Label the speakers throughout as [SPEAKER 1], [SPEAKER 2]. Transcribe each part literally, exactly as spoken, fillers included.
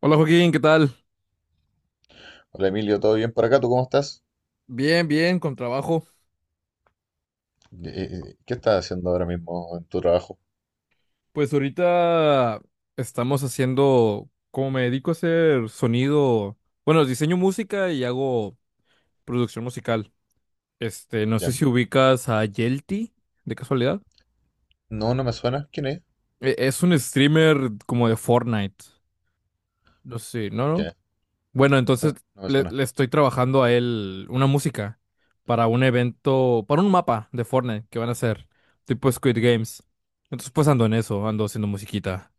[SPEAKER 1] Hola Joaquín, ¿qué tal?
[SPEAKER 2] Hola Emilio, ¿todo bien por acá? ¿Tú cómo estás?
[SPEAKER 1] Bien, bien, con trabajo.
[SPEAKER 2] Eh, eh, eh, ¿qué estás haciendo ahora mismo en tu trabajo?
[SPEAKER 1] Pues ahorita estamos haciendo, como me dedico a hacer sonido, bueno, diseño música y hago producción musical. Este, no sé
[SPEAKER 2] ¿Ya?
[SPEAKER 1] si ubicas a Yelty, de casualidad.
[SPEAKER 2] No, no me suena. ¿Quién es?
[SPEAKER 1] E- Es un streamer como de Fortnite. No sé, ¿no? ¿no?
[SPEAKER 2] Ya.
[SPEAKER 1] Bueno, entonces
[SPEAKER 2] No, no me
[SPEAKER 1] le,
[SPEAKER 2] suena.
[SPEAKER 1] le estoy trabajando a él una música para un evento, para un mapa de Fortnite que van a hacer, tipo Squid Games. Entonces pues ando en eso,
[SPEAKER 2] Ya.
[SPEAKER 1] ando haciendo musiquita.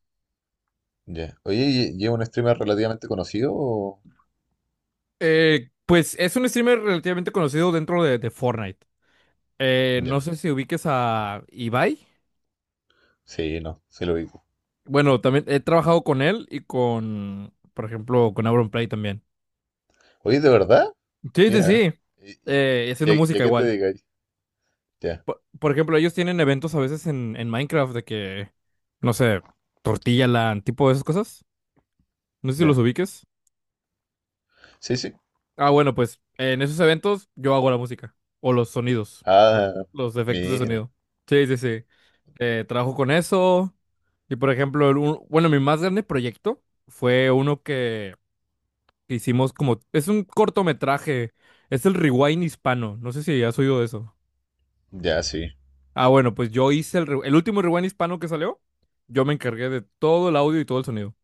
[SPEAKER 2] Ya. Oye, ¿y- ¿y es un streamer relativamente conocido o?
[SPEAKER 1] Eh, pues es un streamer relativamente conocido dentro de, de Fortnite. Eh,
[SPEAKER 2] Ya.
[SPEAKER 1] no sé si ubiques a Ibai.
[SPEAKER 2] Sí, no, sí lo digo.
[SPEAKER 1] Bueno, también he trabajado con él y con, por ejemplo, con Auron Play también.
[SPEAKER 2] Oye, ¿de verdad?
[SPEAKER 1] Sí, sí,
[SPEAKER 2] Mira.
[SPEAKER 1] sí.
[SPEAKER 2] ¿Y, y-
[SPEAKER 1] Eh, y
[SPEAKER 2] y a-
[SPEAKER 1] haciendo
[SPEAKER 2] y a
[SPEAKER 1] música
[SPEAKER 2] qué te
[SPEAKER 1] igual.
[SPEAKER 2] dedicas? Ya,
[SPEAKER 1] Por, por ejemplo, ellos tienen eventos a veces en, en Minecraft de que, no sé, tortilla Tortillaland, tipo de esas cosas. No sé si los
[SPEAKER 2] ya.
[SPEAKER 1] ubiques.
[SPEAKER 2] Sí, sí.
[SPEAKER 1] Ah, bueno, pues en esos eventos yo hago la música o los sonidos, los,
[SPEAKER 2] Ah,
[SPEAKER 1] los efectos de
[SPEAKER 2] mira.
[SPEAKER 1] sonido. Sí, sí, sí. Eh, trabajo con eso. Y por ejemplo, el un- bueno, mi más grande proyecto fue uno que hicimos como... Es un cortometraje. Es el Rewind Hispano. No sé si has oído de eso.
[SPEAKER 2] Ya, sí.
[SPEAKER 1] Ah, bueno, pues yo hice el, re- el último Rewind Hispano que salió. Yo me encargué de todo el audio y todo el sonido.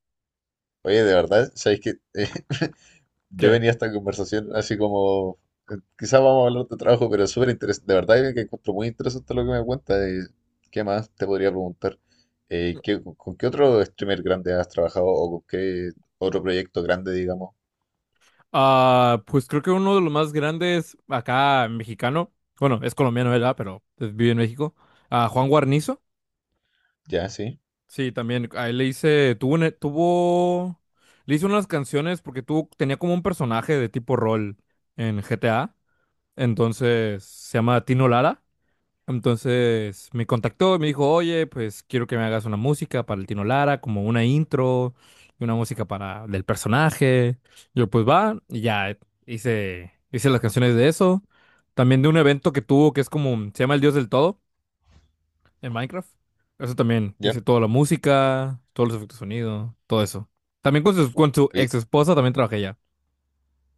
[SPEAKER 2] Oye, de verdad, ¿sabes qué? Yo
[SPEAKER 1] ¿Qué?
[SPEAKER 2] venía a esta conversación así como, eh, quizás vamos a hablar de trabajo, pero es súper interesante, de verdad que encuentro muy interesante lo que me cuenta. De ¿Qué más te podría preguntar? Eh, ¿qué- con qué otro streamer grande has trabajado o con qué otro proyecto grande, digamos?
[SPEAKER 1] Ah, pues creo que uno de los más grandes acá mexicano, bueno, es colombiano, ¿verdad? Pero es- vive en México. Ah, Juan Guarnizo.
[SPEAKER 2] Ya, sí,
[SPEAKER 1] Sí, también. A él le hice, tuvo, una- tuvo, le hice unas canciones porque tuvo, tenía como un personaje de tipo rol en G T A. Entonces se llama Tino Lara. Entonces me contactó y me dijo, oye, pues quiero que me hagas una música para el Tino Lara, como una intro y una música para del personaje. Yo, pues va, y ya hice, hice las canciones de eso. También de un evento que tuvo que es como, se llama El Dios del Todo en Minecraft. Eso también,
[SPEAKER 2] ya.
[SPEAKER 1] hice toda la música, todos los efectos de sonido, todo eso. También con su, con su
[SPEAKER 2] Oye,
[SPEAKER 1] ex esposa también trabajé ya.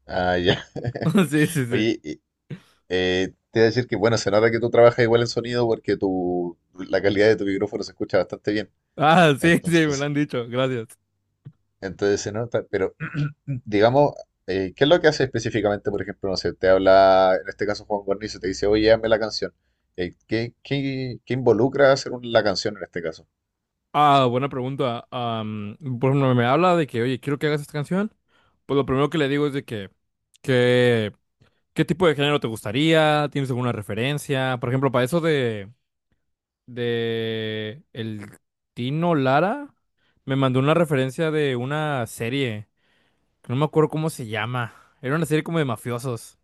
[SPEAKER 2] ah, ya.
[SPEAKER 1] Sí, sí, sí.
[SPEAKER 2] Oye, y, eh, te voy a decir que, bueno, se nota que tú trabajas igual en sonido porque tu, la calidad de tu micrófono se escucha bastante bien.
[SPEAKER 1] Ah, sí, sí, me lo
[SPEAKER 2] Entonces,
[SPEAKER 1] han dicho, gracias.
[SPEAKER 2] entonces se nota, pero digamos, eh, ¿qué es lo que hace específicamente? Por ejemplo, no sé, te habla, en este caso Juan Guarnizo, te dice, oye, hazme la canción. Eh, ¿qué, qué, qué involucra hacer un- la canción en este caso?
[SPEAKER 1] Ah, buena pregunta. Am, por ejemplo, me habla de que, oye, quiero que hagas esta canción. Pues lo primero que le digo es de que, que, ¿qué tipo de género te gustaría? ¿Tienes alguna referencia? Por ejemplo, para eso de, de el Tino Lara, me mandó una referencia de una serie, que no me acuerdo cómo se llama. Era una serie como de mafiosos.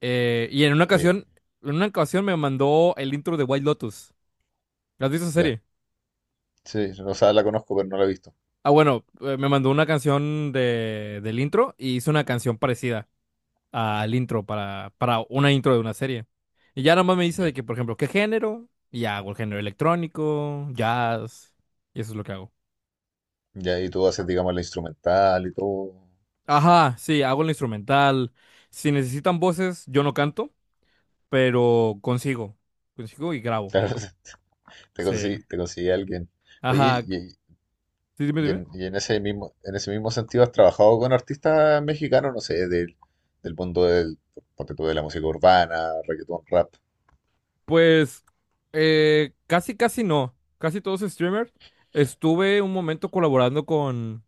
[SPEAKER 1] Eh, y en una
[SPEAKER 2] Eh,
[SPEAKER 1] ocasión, en una ocasión me mandó el intro de White Lotus. ¿Has visto esa
[SPEAKER 2] ya,
[SPEAKER 1] serie?
[SPEAKER 2] sí, o sea, la conozco, pero no la he visto.
[SPEAKER 1] Ah, bueno, eh, me mandó una canción de, del intro y hizo una canción parecida al intro para, para una intro de una serie. Y ya nada más me dice de
[SPEAKER 2] Ya,
[SPEAKER 1] que, por ejemplo, ¿qué género? Y ya hago el género electrónico, jazz, y eso es lo que hago.
[SPEAKER 2] ya, y tú haces, digamos, la instrumental y todo.
[SPEAKER 1] Ajá, sí, hago el instrumental. Si necesitan voces, yo no canto, pero consigo, consigo y grabo.
[SPEAKER 2] Claro, te
[SPEAKER 1] Sí.
[SPEAKER 2] consigue, te consigue alguien. Oye,
[SPEAKER 1] Ajá,
[SPEAKER 2] y,
[SPEAKER 1] sí, dime,
[SPEAKER 2] y
[SPEAKER 1] dime.
[SPEAKER 2] en, y en ese mismo, en ese mismo sentido, ¿has trabajado con artistas mexicanos, no sé, del, del mundo del, ponte tú, de la música urbana, reggaetón, rap?
[SPEAKER 1] Pues, eh, casi, casi no. Casi todos streamers. Estuve un momento colaborando con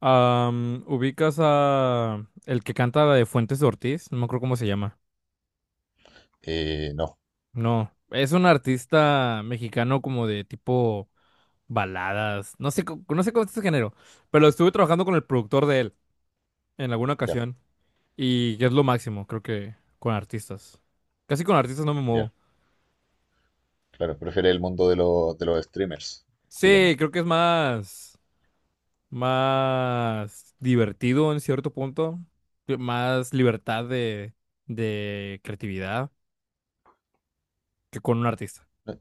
[SPEAKER 1] Am, ubicas a el que canta la de Fuentes Ortiz, no me acuerdo cómo se llama.
[SPEAKER 2] Eh, no,
[SPEAKER 1] No, es un artista mexicano como de tipo baladas, no sé, co- no sé cómo es ese género, pero estuve trabajando con el productor de él en alguna
[SPEAKER 2] ya.
[SPEAKER 1] ocasión y es lo máximo, creo que con artistas. Casi con artistas no me muevo.
[SPEAKER 2] Ya. Claro, prefiere el mundo de, los de los streamers,
[SPEAKER 1] Sí,
[SPEAKER 2] digamos.
[SPEAKER 1] creo que es más más divertido en cierto punto, más libertad de de creatividad que con un artista.
[SPEAKER 2] No,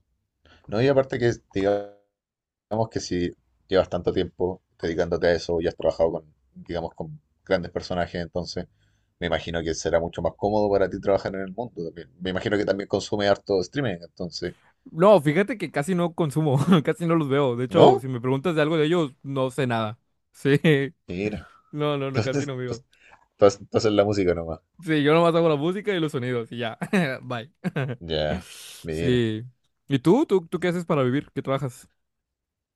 [SPEAKER 2] no, y aparte que, digamos que si llevas tanto tiempo dedicándote a eso y has trabajado con, digamos, con grandes personajes, entonces me imagino que será mucho más cómodo para ti trabajar en el mundo también. Me imagino que también consume harto streaming, entonces,
[SPEAKER 1] No, fíjate que casi no consumo, casi no los veo. De hecho,
[SPEAKER 2] ¿no?
[SPEAKER 1] si me preguntas de algo de ellos, no sé nada. Sí,
[SPEAKER 2] Mira,
[SPEAKER 1] no, no, no, casi
[SPEAKER 2] entonces,
[SPEAKER 1] no veo.
[SPEAKER 2] entonces, entonces la música nomás.
[SPEAKER 1] Sí, yo nomás hago la música y los sonidos y ya. Bye.
[SPEAKER 2] Ya, mira.
[SPEAKER 1] Sí. ¿Y tú? ¿Tú, tú qué haces para vivir? ¿Qué trabajas?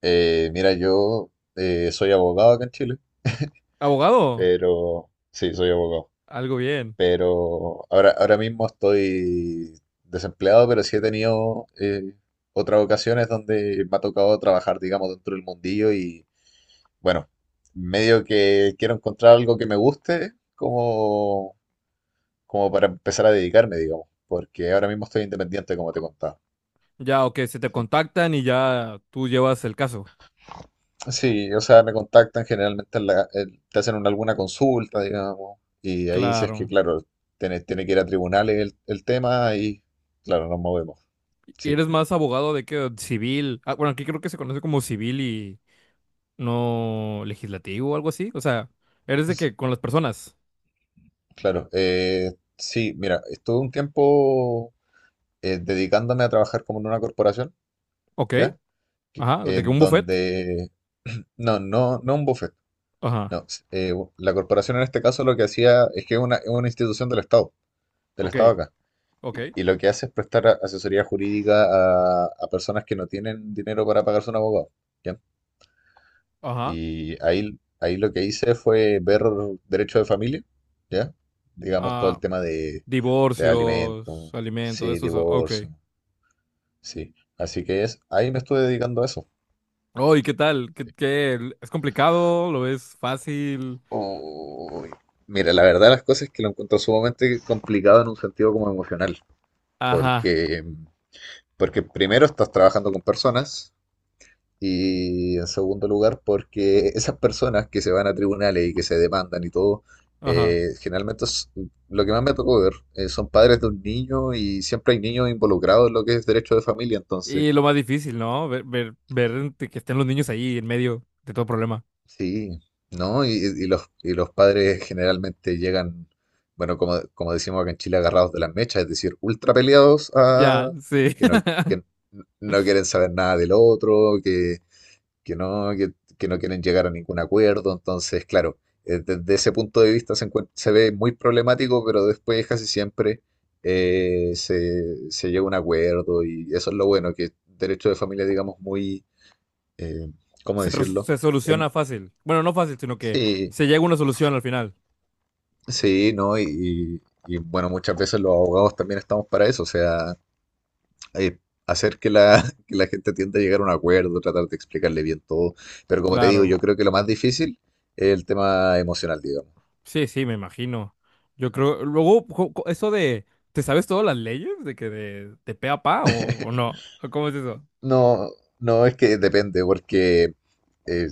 [SPEAKER 2] Eh, mira, yo eh, soy abogado acá en Chile,
[SPEAKER 1] ¿Abogado?
[SPEAKER 2] pero sí, soy abogado.
[SPEAKER 1] Algo bien.
[SPEAKER 2] Pero ahora, ahora mismo estoy desempleado, pero sí he tenido eh, otras ocasiones donde me ha tocado trabajar, digamos, dentro del mundillo y bueno, medio que quiero encontrar algo que me guste como, como para empezar a dedicarme, digamos, porque ahora mismo estoy independiente, como te contaba.
[SPEAKER 1] Ya, ok, se te
[SPEAKER 2] Sí,
[SPEAKER 1] contactan y ya tú llevas el caso.
[SPEAKER 2] sí, o sea, me contactan generalmente, en la- en- te hacen una- alguna consulta, digamos, y ahí si es que,
[SPEAKER 1] Claro.
[SPEAKER 2] claro, tiene, tiene que ir a tribunales el, el tema y, claro, nos movemos.
[SPEAKER 1] ¿Y
[SPEAKER 2] Sí.
[SPEAKER 1] eres más abogado de qué? ¿Civil? Ah, bueno, aquí creo que se conoce como civil y no legislativo o algo así. O sea, eres de
[SPEAKER 2] S-
[SPEAKER 1] que con las personas.
[SPEAKER 2] Claro, eh, sí, mira, estuve un tiempo eh, dedicándome a trabajar como en una corporación,
[SPEAKER 1] Ok.
[SPEAKER 2] ¿ya? Que-
[SPEAKER 1] Ajá, de que
[SPEAKER 2] En
[SPEAKER 1] un buffet.
[SPEAKER 2] donde, no, no, no un buffet,
[SPEAKER 1] Ajá,
[SPEAKER 2] no, s- eh, u- la corporación en este caso lo que hacía es que es una, es una institución del Estado, del
[SPEAKER 1] ok,
[SPEAKER 2] Estado acá,
[SPEAKER 1] ok,
[SPEAKER 2] y, y lo que hace es prestar a- asesoría jurídica a, a personas que no tienen dinero para pagarse un abogado, ¿ya?
[SPEAKER 1] ajá.
[SPEAKER 2] Y ahí, ahí lo que hice fue ver derecho de familia, ¿ya? Digamos todo el
[SPEAKER 1] Ah,
[SPEAKER 2] tema de, de,
[SPEAKER 1] divorcios,
[SPEAKER 2] alimentos,
[SPEAKER 1] alimentos,
[SPEAKER 2] sí,
[SPEAKER 1] eso, eso, ok.
[SPEAKER 2] divorcio, sí. Así que es, ahí me estuve dedicando a eso.
[SPEAKER 1] Oh, ¿y qué tal? ¿Qué,
[SPEAKER 2] Sí.
[SPEAKER 1] qué? ¿Es complicado? ¿Lo ves fácil?
[SPEAKER 2] Uy, Mira, la verdad las cosas es que lo encuentro sumamente complicado en un sentido como emocional,
[SPEAKER 1] Ajá,
[SPEAKER 2] porque, porque primero estás trabajando con personas, y en segundo lugar, porque esas personas que se van a tribunales y que se demandan y todo,
[SPEAKER 1] ajá.
[SPEAKER 2] eh, generalmente es- lo que más me tocó ver eh, son padres de un niño y siempre hay niños involucrados en lo que es derecho de familia, entonces,
[SPEAKER 1] Y lo más difícil, ¿no? Ver, ver, ver que estén los niños ahí en medio de todo problema.
[SPEAKER 2] sí, ¿no? Y, y los, y los padres generalmente llegan, bueno, como, como, decimos acá en Chile, agarrados de las mechas, es decir, ultra peleados
[SPEAKER 1] Ya,
[SPEAKER 2] a,
[SPEAKER 1] sí.
[SPEAKER 2] que no, que no quieren saber nada del otro, que que no, que, que no quieren llegar a ningún acuerdo. Entonces, claro, eh, desde ese punto de vista se, encuent- se ve muy problemático, pero después casi siempre eh, se, se llega a un acuerdo y eso es lo bueno, que derecho de familia, digamos, muy, eh, ¿cómo
[SPEAKER 1] Se, res-
[SPEAKER 2] decirlo?
[SPEAKER 1] se
[SPEAKER 2] Em,
[SPEAKER 1] soluciona fácil. Bueno, no fácil, sino que
[SPEAKER 2] sí,
[SPEAKER 1] se llega a una solución al final.
[SPEAKER 2] sí, ¿no? Y, y- y, bueno, muchas veces los abogados también estamos para eso, o sea, eh, hacer que la, que la gente tienda a llegar a un acuerdo, tratar de explicarle bien todo. Pero como te digo, yo
[SPEAKER 1] Claro.
[SPEAKER 2] creo que lo más difícil es el tema emocional, digamos.
[SPEAKER 1] Sí, sí, me imagino. Yo creo, luego, co- co- eso de, ¿te sabes todas las leyes de que de, de pe a pa o, o no? ¿O ¿Cómo es eso?
[SPEAKER 2] No, no es que depende, porque eh,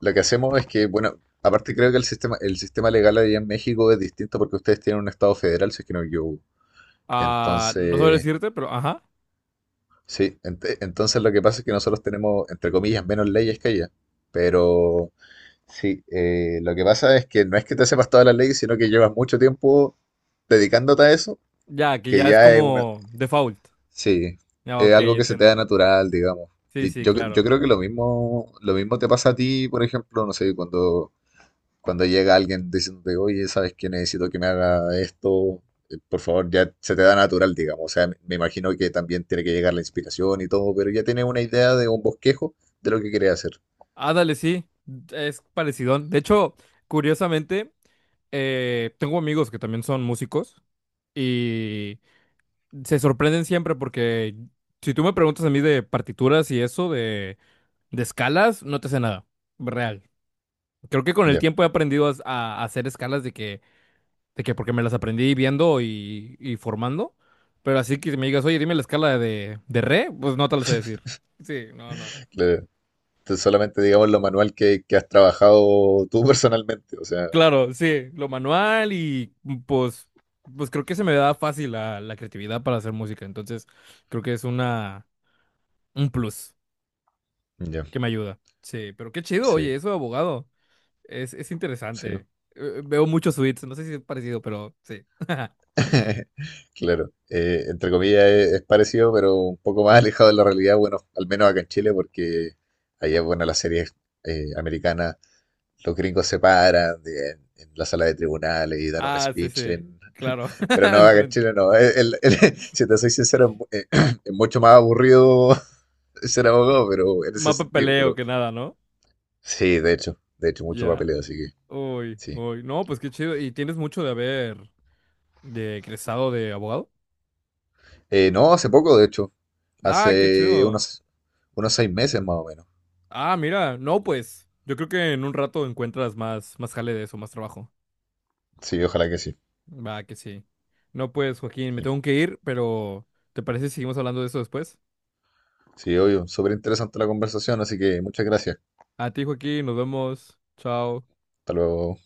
[SPEAKER 2] lo que hacemos es que, bueno, aparte creo que el sistema, el sistema legal allá en México es distinto porque ustedes tienen un estado federal, si es que no yo.
[SPEAKER 1] Ah, no sabré
[SPEAKER 2] Entonces,
[SPEAKER 1] decirte, pero ajá.
[SPEAKER 2] sí, ent- entonces lo que pasa es que nosotros tenemos, entre comillas, menos leyes que allá, pero sí, eh, lo que pasa es que no es que te sepas todas las leyes, sino que llevas mucho tiempo dedicándote a eso,
[SPEAKER 1] Ya, que
[SPEAKER 2] que
[SPEAKER 1] ya es
[SPEAKER 2] ya es una,
[SPEAKER 1] como default.
[SPEAKER 2] sí,
[SPEAKER 1] Ya,
[SPEAKER 2] es
[SPEAKER 1] ok,
[SPEAKER 2] algo que se te da
[SPEAKER 1] entiendo.
[SPEAKER 2] natural, digamos.
[SPEAKER 1] Sí,
[SPEAKER 2] Y
[SPEAKER 1] sí,
[SPEAKER 2] yo, cre- yo
[SPEAKER 1] claro.
[SPEAKER 2] creo que lo mismo, lo mismo, te pasa a ti, por ejemplo, no sé, cuando, cuando llega alguien diciéndote, oye, ¿sabes qué? Necesito que me haga esto, eh, por favor, ya se te da natural, digamos. O sea, me me imagino que también tiene que llegar la inspiración y todo, pero ya tienes una idea de un bosquejo de lo que quieres hacer.
[SPEAKER 1] Ándale, sí, es parecido. De hecho, curiosamente, eh, tengo amigos que también son músicos y se sorprenden siempre porque si tú me preguntas a mí de partituras y eso, de, de escalas, no te sé nada. Real. Creo que con el
[SPEAKER 2] Ya,
[SPEAKER 1] tiempo he aprendido a, a hacer escalas de que, de que porque me las aprendí viendo y, y formando. Pero así que me digas, oye, dime la escala de, de re, pues no te la sé decir. Sí, no, no.
[SPEAKER 2] claro. Entonces, solamente digamos lo manual que, que has trabajado tú personalmente, o sea,
[SPEAKER 1] Claro, sí, lo manual y mm, pues, pues creo que se me da fácil la, la creatividad para hacer música. Entonces, creo que es una, un plus
[SPEAKER 2] ya,
[SPEAKER 1] que me ayuda. Sí, pero qué chido,
[SPEAKER 2] sí,
[SPEAKER 1] oye, eso de abogado. Es, es
[SPEAKER 2] sí.
[SPEAKER 1] interesante. Eh, Veo muchos suites, no sé si es parecido, pero sí.
[SPEAKER 2] Claro, eh, entre comillas es, es parecido, pero un poco más alejado de la realidad, bueno, al menos acá en Chile, porque allá, bueno, las series eh, americanas, los gringos se paran de- en, en la sala de tribunales y dan un
[SPEAKER 1] Ah, sí,
[SPEAKER 2] speech
[SPEAKER 1] sí,
[SPEAKER 2] en.
[SPEAKER 1] claro,
[SPEAKER 2] Pero no, acá en
[SPEAKER 1] diferente.
[SPEAKER 2] Chile no. El- el- el- si te soy sincero, es, mu- eh, es mucho más aburrido ser abogado, pero en ese
[SPEAKER 1] Más
[SPEAKER 2] sentido,
[SPEAKER 1] papeleo
[SPEAKER 2] pero
[SPEAKER 1] que nada, ¿no?
[SPEAKER 2] sí, de hecho, de hecho, mucho
[SPEAKER 1] Ya.
[SPEAKER 2] papeleo, así que
[SPEAKER 1] Uy,
[SPEAKER 2] sí.
[SPEAKER 1] uy. No, pues qué chido. ¿Y tienes mucho de haber de egresado de abogado?
[SPEAKER 2] Eh, no, hace poco, de hecho,
[SPEAKER 1] Ah, qué
[SPEAKER 2] hace
[SPEAKER 1] chido.
[SPEAKER 2] unos, unos seis meses más o menos.
[SPEAKER 1] Ah, mira, no, pues yo creo que en un rato encuentras más, más jale de eso, más trabajo.
[SPEAKER 2] Sí, ojalá que sí.
[SPEAKER 1] Va, que sí. No, pues, Joaquín, me
[SPEAKER 2] Sí,
[SPEAKER 1] tengo que ir, pero ¿te parece si seguimos hablando de eso después?
[SPEAKER 2] sí obvio, súper interesante la conversación, así que muchas gracias.
[SPEAKER 1] A ti, Joaquín, nos vemos. Chao.
[SPEAKER 2] Hasta luego.